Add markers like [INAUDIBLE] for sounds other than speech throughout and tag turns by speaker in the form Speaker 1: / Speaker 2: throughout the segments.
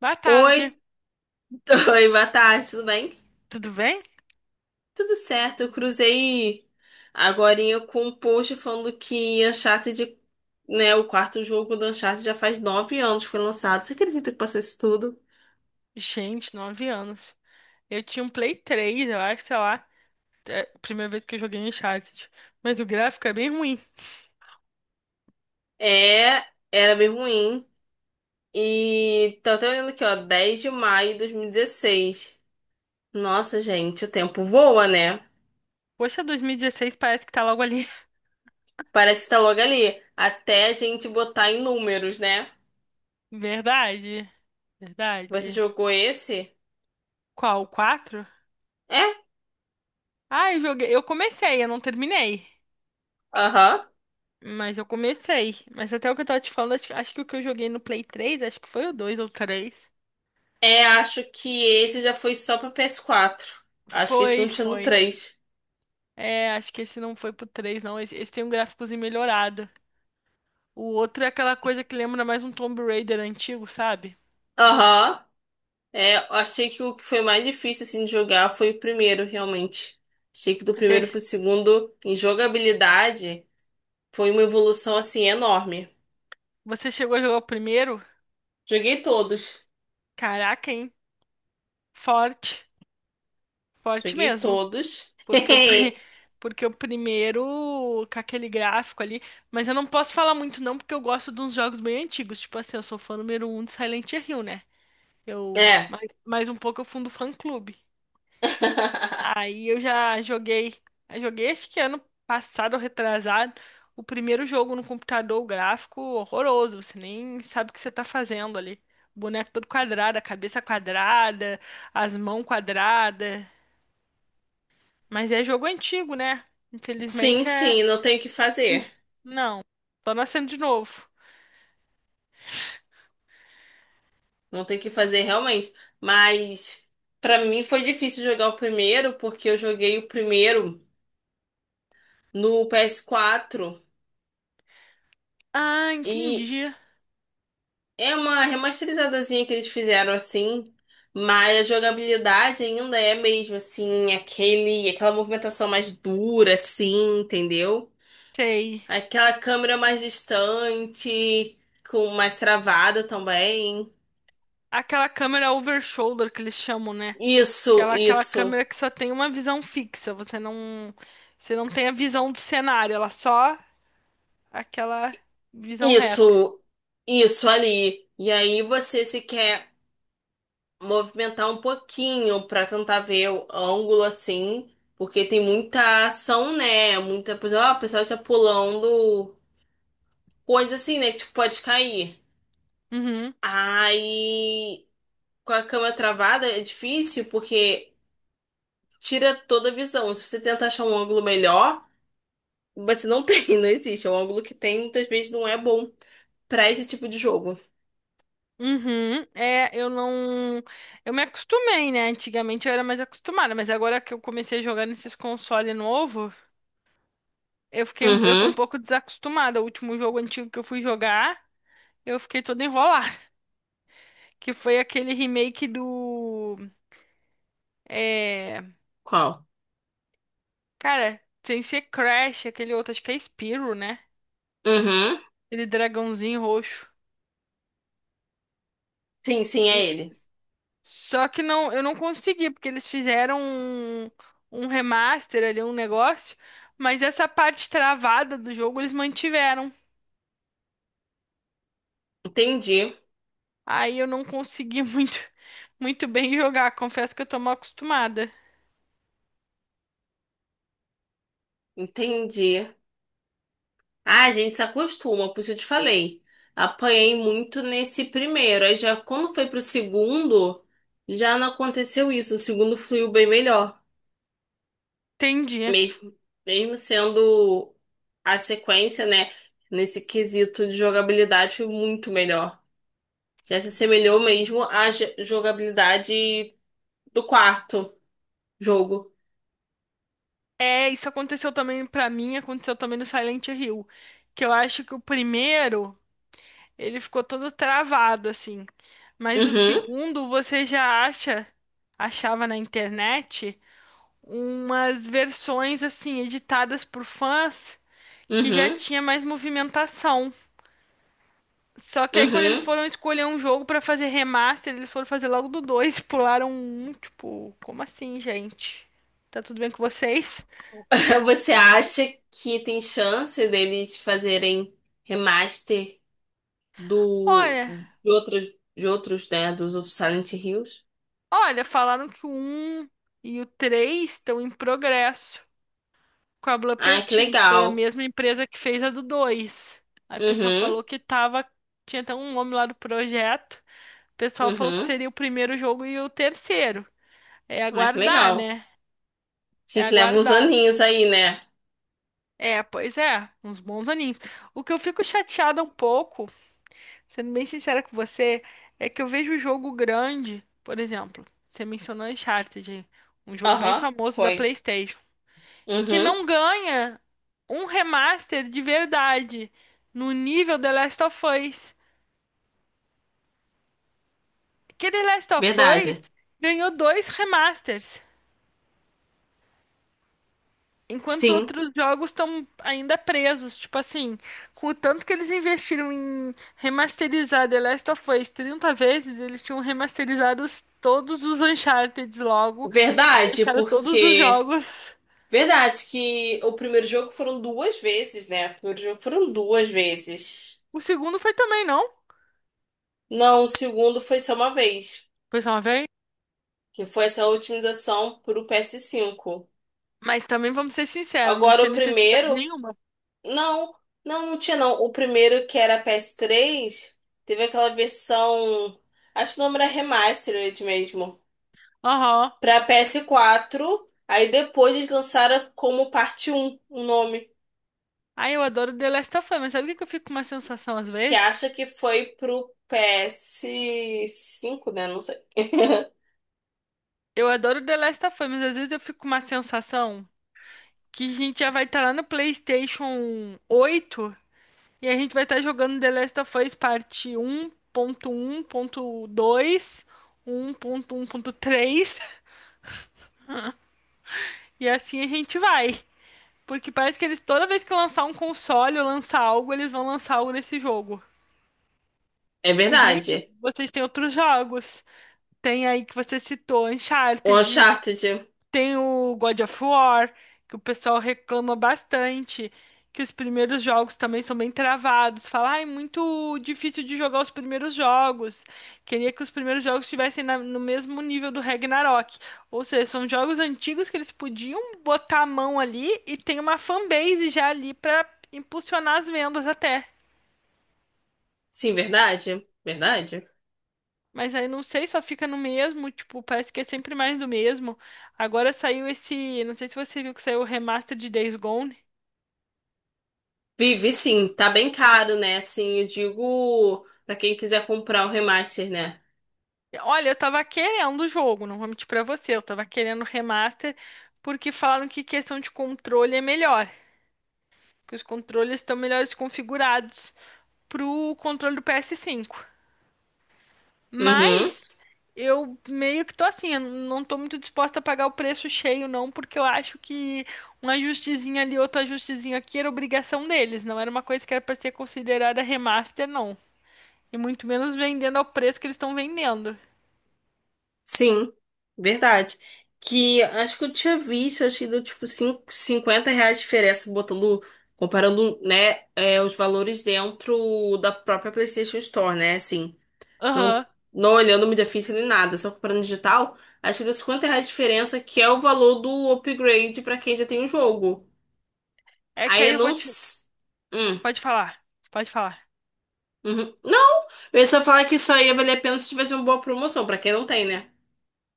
Speaker 1: Boa tarde,
Speaker 2: Oi, [LAUGHS] oi, boa tarde, tudo bem?
Speaker 1: tudo bem?
Speaker 2: Tudo certo, eu cruzei agorinha com um post falando que Uncharted, né, o quarto jogo do Uncharted já faz nove anos que foi lançado. Você acredita que passou isso tudo?
Speaker 1: Gente, 9 anos. Eu tinha um Play 3, eu acho, sei lá. É a primeira vez que eu joguei Uncharted. Mas o gráfico é bem ruim.
Speaker 2: É, era bem ruim. E tô até olhando aqui, ó, 10 de maio de 2016. Nossa, gente, o tempo voa, né?
Speaker 1: Poxa, 2016 parece que tá logo ali.
Speaker 2: Parece que tá logo ali. Até a gente botar em números, né?
Speaker 1: [LAUGHS] Verdade,
Speaker 2: Você
Speaker 1: verdade.
Speaker 2: jogou esse?
Speaker 1: Qual, o 4?
Speaker 2: É?
Speaker 1: Ah, eu joguei. Eu comecei, eu não terminei.
Speaker 2: Aham.
Speaker 1: Mas eu comecei. Mas até o que eu tava te falando, acho que o que eu joguei no Play 3, acho que foi o 2 ou o 3.
Speaker 2: É, acho que esse já foi só pro PS4. Acho que esse não
Speaker 1: Foi,
Speaker 2: tinha no
Speaker 1: foi.
Speaker 2: três.
Speaker 1: É, acho que esse não foi pro 3, não. Esse tem um gráficozinho melhorado. O outro é aquela coisa que lembra mais um Tomb Raider antigo, sabe?
Speaker 2: Aham. É, eu achei que o que foi mais difícil assim de jogar foi o primeiro, realmente. Achei que do
Speaker 1: Você,
Speaker 2: primeiro pro segundo, em jogabilidade, foi uma evolução assim enorme.
Speaker 1: você chegou a jogar o primeiro?
Speaker 2: Joguei todos.
Speaker 1: Caraca, hein? Forte. Forte
Speaker 2: Joguei
Speaker 1: mesmo.
Speaker 2: todos.
Speaker 1: Porque o, pri-
Speaker 2: [LAUGHS]
Speaker 1: [LAUGHS] Porque o primeiro, com aquele gráfico ali. Mas eu não posso falar muito, não, porque eu gosto de uns jogos bem antigos. Tipo assim, eu sou fã número um de Silent Hill, né? Eu,
Speaker 2: É.
Speaker 1: mais um pouco eu fundo fã-clube.
Speaker 2: [LAUGHS]
Speaker 1: Aí eu já joguei, eu joguei acho que ano passado ou retrasado, o primeiro jogo no computador, o gráfico horroroso, você nem sabe o que você tá fazendo ali. O boneco todo quadrado, a cabeça quadrada, as mãos quadradas. Mas é jogo antigo, né?
Speaker 2: Sim,
Speaker 1: Infelizmente é.
Speaker 2: sim, não tem o que fazer.
Speaker 1: Não, tô nascendo de novo.
Speaker 2: Não tem o que fazer realmente. Mas pra mim foi difícil jogar o primeiro, porque eu joguei o primeiro no PS4,
Speaker 1: Ah,
Speaker 2: e
Speaker 1: entendi.
Speaker 2: é uma remasterizadazinha que eles fizeram assim, mas a jogabilidade ainda é mesmo assim, aquela movimentação mais dura assim, entendeu?
Speaker 1: Sei.
Speaker 2: Aquela câmera mais distante, com mais travada também.
Speaker 1: Aquela câmera over shoulder que eles chamam, né?
Speaker 2: Isso,
Speaker 1: Aquela
Speaker 2: isso,
Speaker 1: câmera que só tem uma visão fixa, você não tem a visão do cenário, ela só aquela visão reta.
Speaker 2: isso, isso, ali. E aí você se quer movimentar um pouquinho pra tentar ver o ângulo assim, porque tem muita ação, né? Muita, por exemplo, ah, o pessoal está pulando coisa assim, né? Que tipo, pode cair.
Speaker 1: Uhum,
Speaker 2: Aí, com a câmera travada é difícil porque tira toda a visão. Se você tenta achar um ângulo melhor, você não tem, [LAUGHS] não existe. É um ângulo que tem, muitas vezes não é bom pra esse tipo de jogo.
Speaker 1: uhum. É, eu não, eu me acostumei, né? Antigamente eu era mais acostumada, mas agora que eu comecei a jogar nesses consoles novo, eu fiquei, eu tô
Speaker 2: Uhum.
Speaker 1: um pouco desacostumada. O último jogo antigo que eu fui jogar, eu fiquei toda enrolada, [LAUGHS] que foi aquele remake do, é,
Speaker 2: Qual?
Speaker 1: cara, sem ser Crash, aquele outro, acho que é Spyro, né?
Speaker 2: Uhum.
Speaker 1: Ele dragãozinho roxo.
Speaker 2: Sim, sim, é
Speaker 1: E
Speaker 2: ele.
Speaker 1: só que não, eu não consegui, porque eles fizeram um remaster ali, um negócio, mas essa parte travada do jogo eles mantiveram.
Speaker 2: Entendi.
Speaker 1: Aí eu não consegui [LAUGHS] muito, muito bem jogar, confesso que eu tô mal acostumada.
Speaker 2: Entendi. Ah, a gente se acostuma, por isso eu te falei. Apanhei muito nesse primeiro. Aí já quando foi pro segundo, já não aconteceu isso. O segundo fluiu bem melhor.
Speaker 1: Entendi.
Speaker 2: Mesmo, mesmo sendo a sequência, né? Nesse quesito de jogabilidade, foi muito melhor. Já se assemelhou mesmo à jogabilidade do quarto jogo.
Speaker 1: É, isso aconteceu também pra mim, aconteceu também no Silent Hill, que eu acho que o primeiro, ele ficou todo travado assim, mas o
Speaker 2: Uhum,
Speaker 1: segundo você já acha, achava na internet umas versões assim editadas por fãs que já
Speaker 2: uhum,
Speaker 1: tinha mais movimentação. Só que aí quando eles
Speaker 2: uhum.
Speaker 1: foram escolher um jogo pra fazer remaster, eles foram fazer logo do dois, [LAUGHS] pularam um, tipo, como assim, gente? Tá tudo bem com vocês?
Speaker 2: [LAUGHS] Você acha que tem chance deles fazerem remaster? Do
Speaker 1: Olha,
Speaker 2: de outros de outros, né, dos outros Silent Hills.
Speaker 1: olha, falaram que o um e o 3 estão em progresso com a
Speaker 2: Ah, que
Speaker 1: Blooperteam, que foi a
Speaker 2: legal.
Speaker 1: mesma empresa que fez a do dois. Aí o pessoal
Speaker 2: Uhum,
Speaker 1: falou que tava, tinha até um nome lá do projeto. O pessoal falou que
Speaker 2: uhum.
Speaker 1: seria o primeiro jogo e o terceiro. É
Speaker 2: Ah, que
Speaker 1: aguardar,
Speaker 2: legal.
Speaker 1: né? É
Speaker 2: Sim, que leva uns
Speaker 1: aguardar.
Speaker 2: aninhos aí, né?
Speaker 1: É, pois é, uns bons aninhos. O que eu fico chateada um pouco, sendo bem sincera com você, é que eu vejo o jogo grande, por exemplo, você mencionou Uncharted, aí, um jogo bem
Speaker 2: Aham,
Speaker 1: famoso da
Speaker 2: foi.
Speaker 1: PlayStation, que
Speaker 2: Uhum,
Speaker 1: não ganha um remaster de verdade no nível The Last of Us. Aquele Last of
Speaker 2: verdade.
Speaker 1: Us ganhou dois remasters. Enquanto
Speaker 2: Sim,
Speaker 1: outros jogos estão ainda presos, tipo assim, com o tanto que eles investiram em remasterizar The Last of Us 30 vezes, eles tinham remasterizado todos os Uncharted logo e
Speaker 2: verdade,
Speaker 1: deixaram todos os
Speaker 2: porque
Speaker 1: jogos.
Speaker 2: verdade que o primeiro jogo foram duas vezes, né? O primeiro jogo foram duas vezes.
Speaker 1: O segundo foi também, não?
Speaker 2: Não, o segundo foi só uma vez,
Speaker 1: Foi só uma vez?
Speaker 2: que foi essa otimização pro ps cinco.
Speaker 1: Mas também, vamos ser sinceros, não
Speaker 2: Agora
Speaker 1: tinha
Speaker 2: o
Speaker 1: necessidade
Speaker 2: primeiro.
Speaker 1: nenhuma.
Speaker 2: Não, não tinha não. O primeiro que era ps três teve aquela versão, acho que o nome era Remastered mesmo,
Speaker 1: Aham.
Speaker 2: pra ps quatro. Aí depois eles lançaram como parte um o nome,
Speaker 1: Ai, eu adoro The Last of Us, mas sabe o que que eu fico com uma sensação às
Speaker 2: que
Speaker 1: vezes?
Speaker 2: acha que foi pro ps cinco, né? Não sei. [LAUGHS]
Speaker 1: Eu adoro The Last of Us, mas às vezes eu fico com uma sensação. Que a gente já vai estar lá no PlayStation 8 e a gente vai estar jogando The Last of Us parte um um um um ponto ponto ponto dois ponto três, e assim a gente vai. Porque parece que eles toda vez que lançar um console ou lançar algo, eles vão lançar algo desse jogo.
Speaker 2: É
Speaker 1: Tipo, gente,
Speaker 2: verdade.
Speaker 1: vocês têm outros jogos. Tem aí que você citou,
Speaker 2: O
Speaker 1: Uncharted.
Speaker 2: Uncharted.
Speaker 1: Tem o God of War, que o pessoal reclama bastante, que os primeiros jogos também são bem travados. Fala, ah, é muito difícil de jogar os primeiros jogos. Queria que os primeiros jogos estivessem no mesmo nível do Ragnarok. Ou seja, são jogos antigos que eles podiam botar a mão ali e tem uma fanbase já ali pra impulsionar as vendas até.
Speaker 2: Sim, verdade. Verdade.
Speaker 1: Mas aí não sei, só fica no mesmo, tipo, parece que é sempre mais do mesmo. Agora saiu esse, não sei se você viu que saiu o remaster de Days Gone.
Speaker 2: Vive sim, tá bem caro, né? Assim, eu digo pra quem quiser comprar o remaster, né?
Speaker 1: Olha, eu tava querendo o jogo, não vou mentir pra você. Eu tava querendo o remaster porque falam que questão de controle é melhor. Que os controles estão melhores configurados pro controle do PS5.
Speaker 2: Uhum.
Speaker 1: Mas eu meio que tô assim, eu não tô muito disposta a pagar o preço cheio, não, porque eu acho que um ajustezinho ali, outro ajustezinho aqui era obrigação deles. Não era uma coisa que era pra ser considerada remaster, não. E muito menos vendendo ao preço que eles estão vendendo.
Speaker 2: Sim, verdade. Que acho que eu tinha visto, acho que deu tipo R$ 50 de diferença botando, comparando, né, é, os valores dentro da própria PlayStation Store, né? Assim, não,
Speaker 1: Aham.
Speaker 2: não olhando mídia física nem nada, só comparando digital, acho que deu R$ 50 de diferença, que é o valor do upgrade pra quem já tem o jogo.
Speaker 1: É que
Speaker 2: Aí
Speaker 1: aí
Speaker 2: eu
Speaker 1: eu
Speaker 2: não.
Speaker 1: vou te...
Speaker 2: Hum,
Speaker 1: Pode falar, pode falar.
Speaker 2: uhum. Não! Eu ia só falar que isso aí ia valer a pena se tivesse uma boa promoção, pra quem não tem, né?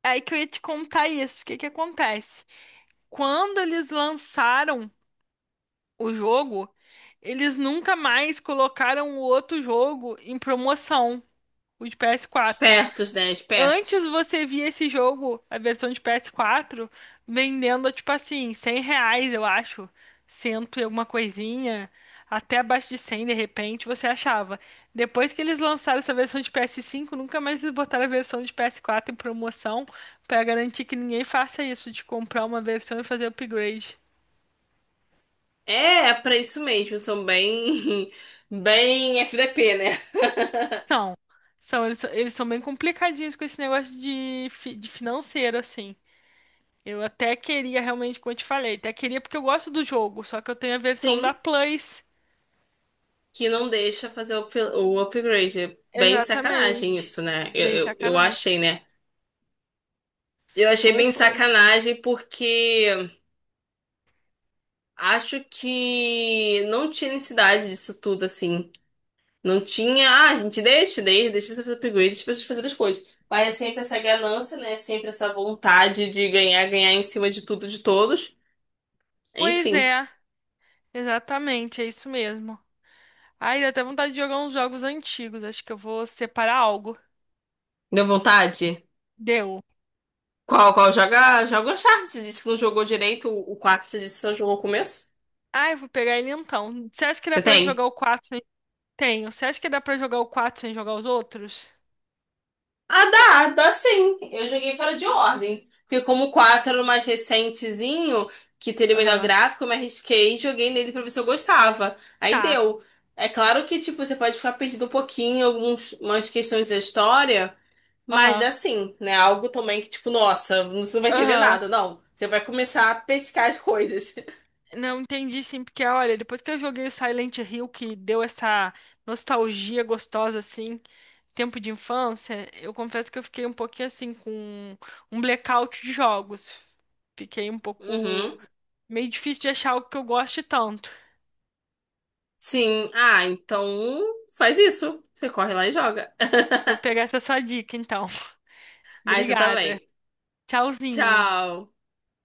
Speaker 1: É aí que eu ia te contar isso. O que que acontece? Quando eles lançaram o jogo, eles nunca mais colocaram o outro jogo em promoção, o de PS4.
Speaker 2: Espertos, né?
Speaker 1: Antes
Speaker 2: Espertos.
Speaker 1: você via esse jogo, a versão de PS4, vendendo, tipo assim, 100 reais, eu acho. Cento e alguma coisinha. Até abaixo de 100 de repente, você achava. Depois que eles lançaram essa versão de PS5, nunca mais eles botaram a versão de PS4 em promoção pra garantir que ninguém faça isso, de comprar uma versão e fazer upgrade.
Speaker 2: É, é pra isso mesmo, são bem, [LAUGHS] bem FDP, né? [LAUGHS]
Speaker 1: São. São, eles, eles são bem complicadinhos com esse negócio de, de financeiro, assim. Eu até queria realmente, como eu te falei, até queria porque eu gosto do jogo, só que eu tenho a versão
Speaker 2: Sim,
Speaker 1: da Plus.
Speaker 2: que não deixa fazer o upgrade. É bem sacanagem
Speaker 1: Exatamente.
Speaker 2: isso, né? Eu,
Speaker 1: Bem
Speaker 2: eu, eu
Speaker 1: sacanagem.
Speaker 2: achei, né? Eu achei
Speaker 1: Foi,
Speaker 2: bem
Speaker 1: foi.
Speaker 2: sacanagem porque acho que não tinha necessidade disso tudo, assim. Não tinha, ah, a gente deixa, deixa você fazer upgrade, deixa você fazer as coisas. Mas é sempre essa ganância, né? É sempre essa vontade de ganhar, ganhar em cima de tudo, de todos.
Speaker 1: Pois
Speaker 2: Enfim,
Speaker 1: é, exatamente, é isso mesmo. Ai, deu até vontade de jogar uns jogos antigos. Acho que eu vou separar algo.
Speaker 2: deu vontade?
Speaker 1: Deu.
Speaker 2: Qual? Joga, joga o Uncharted. Você disse que não jogou direito o 4. Você disse que só jogou o começo?
Speaker 1: Ai, vou pegar ele então. Você acha que dá
Speaker 2: Você
Speaker 1: pra
Speaker 2: tem?
Speaker 1: jogar o quatro sem... Tenho. Você acha que dá pra jogar o 4 sem jogar os outros?
Speaker 2: Ah, dá, dá sim. Eu joguei fora de ordem. Porque como o 4 era o mais recentezinho, que teria o melhor
Speaker 1: Aham.
Speaker 2: gráfico, eu me arrisquei e joguei nele pra ver se eu gostava. Aí
Speaker 1: Tá.
Speaker 2: deu. É claro que, tipo, você pode ficar perdido um pouquinho, algumas umas questões da história, mas
Speaker 1: Aham.
Speaker 2: dá sim, né? Algo também que, tipo, nossa, você não vai entender
Speaker 1: Aham.
Speaker 2: nada, não. Você vai começar a pescar as coisas. [LAUGHS]
Speaker 1: Não entendi sim, porque olha, depois que eu joguei o Silent Hill, que deu essa nostalgia gostosa, assim, tempo de infância, eu confesso que eu fiquei um pouquinho assim, com um blackout de jogos. Fiquei um pouco
Speaker 2: Uhum.
Speaker 1: meio difícil de achar algo que eu goste tanto.
Speaker 2: Sim, ah, então faz isso. Você corre lá e joga.
Speaker 1: Vou
Speaker 2: [LAUGHS]
Speaker 1: pegar essa sua dica, então. [LAUGHS]
Speaker 2: Ai, tu
Speaker 1: Obrigada.
Speaker 2: também.
Speaker 1: Tchauzinho.
Speaker 2: Tchau.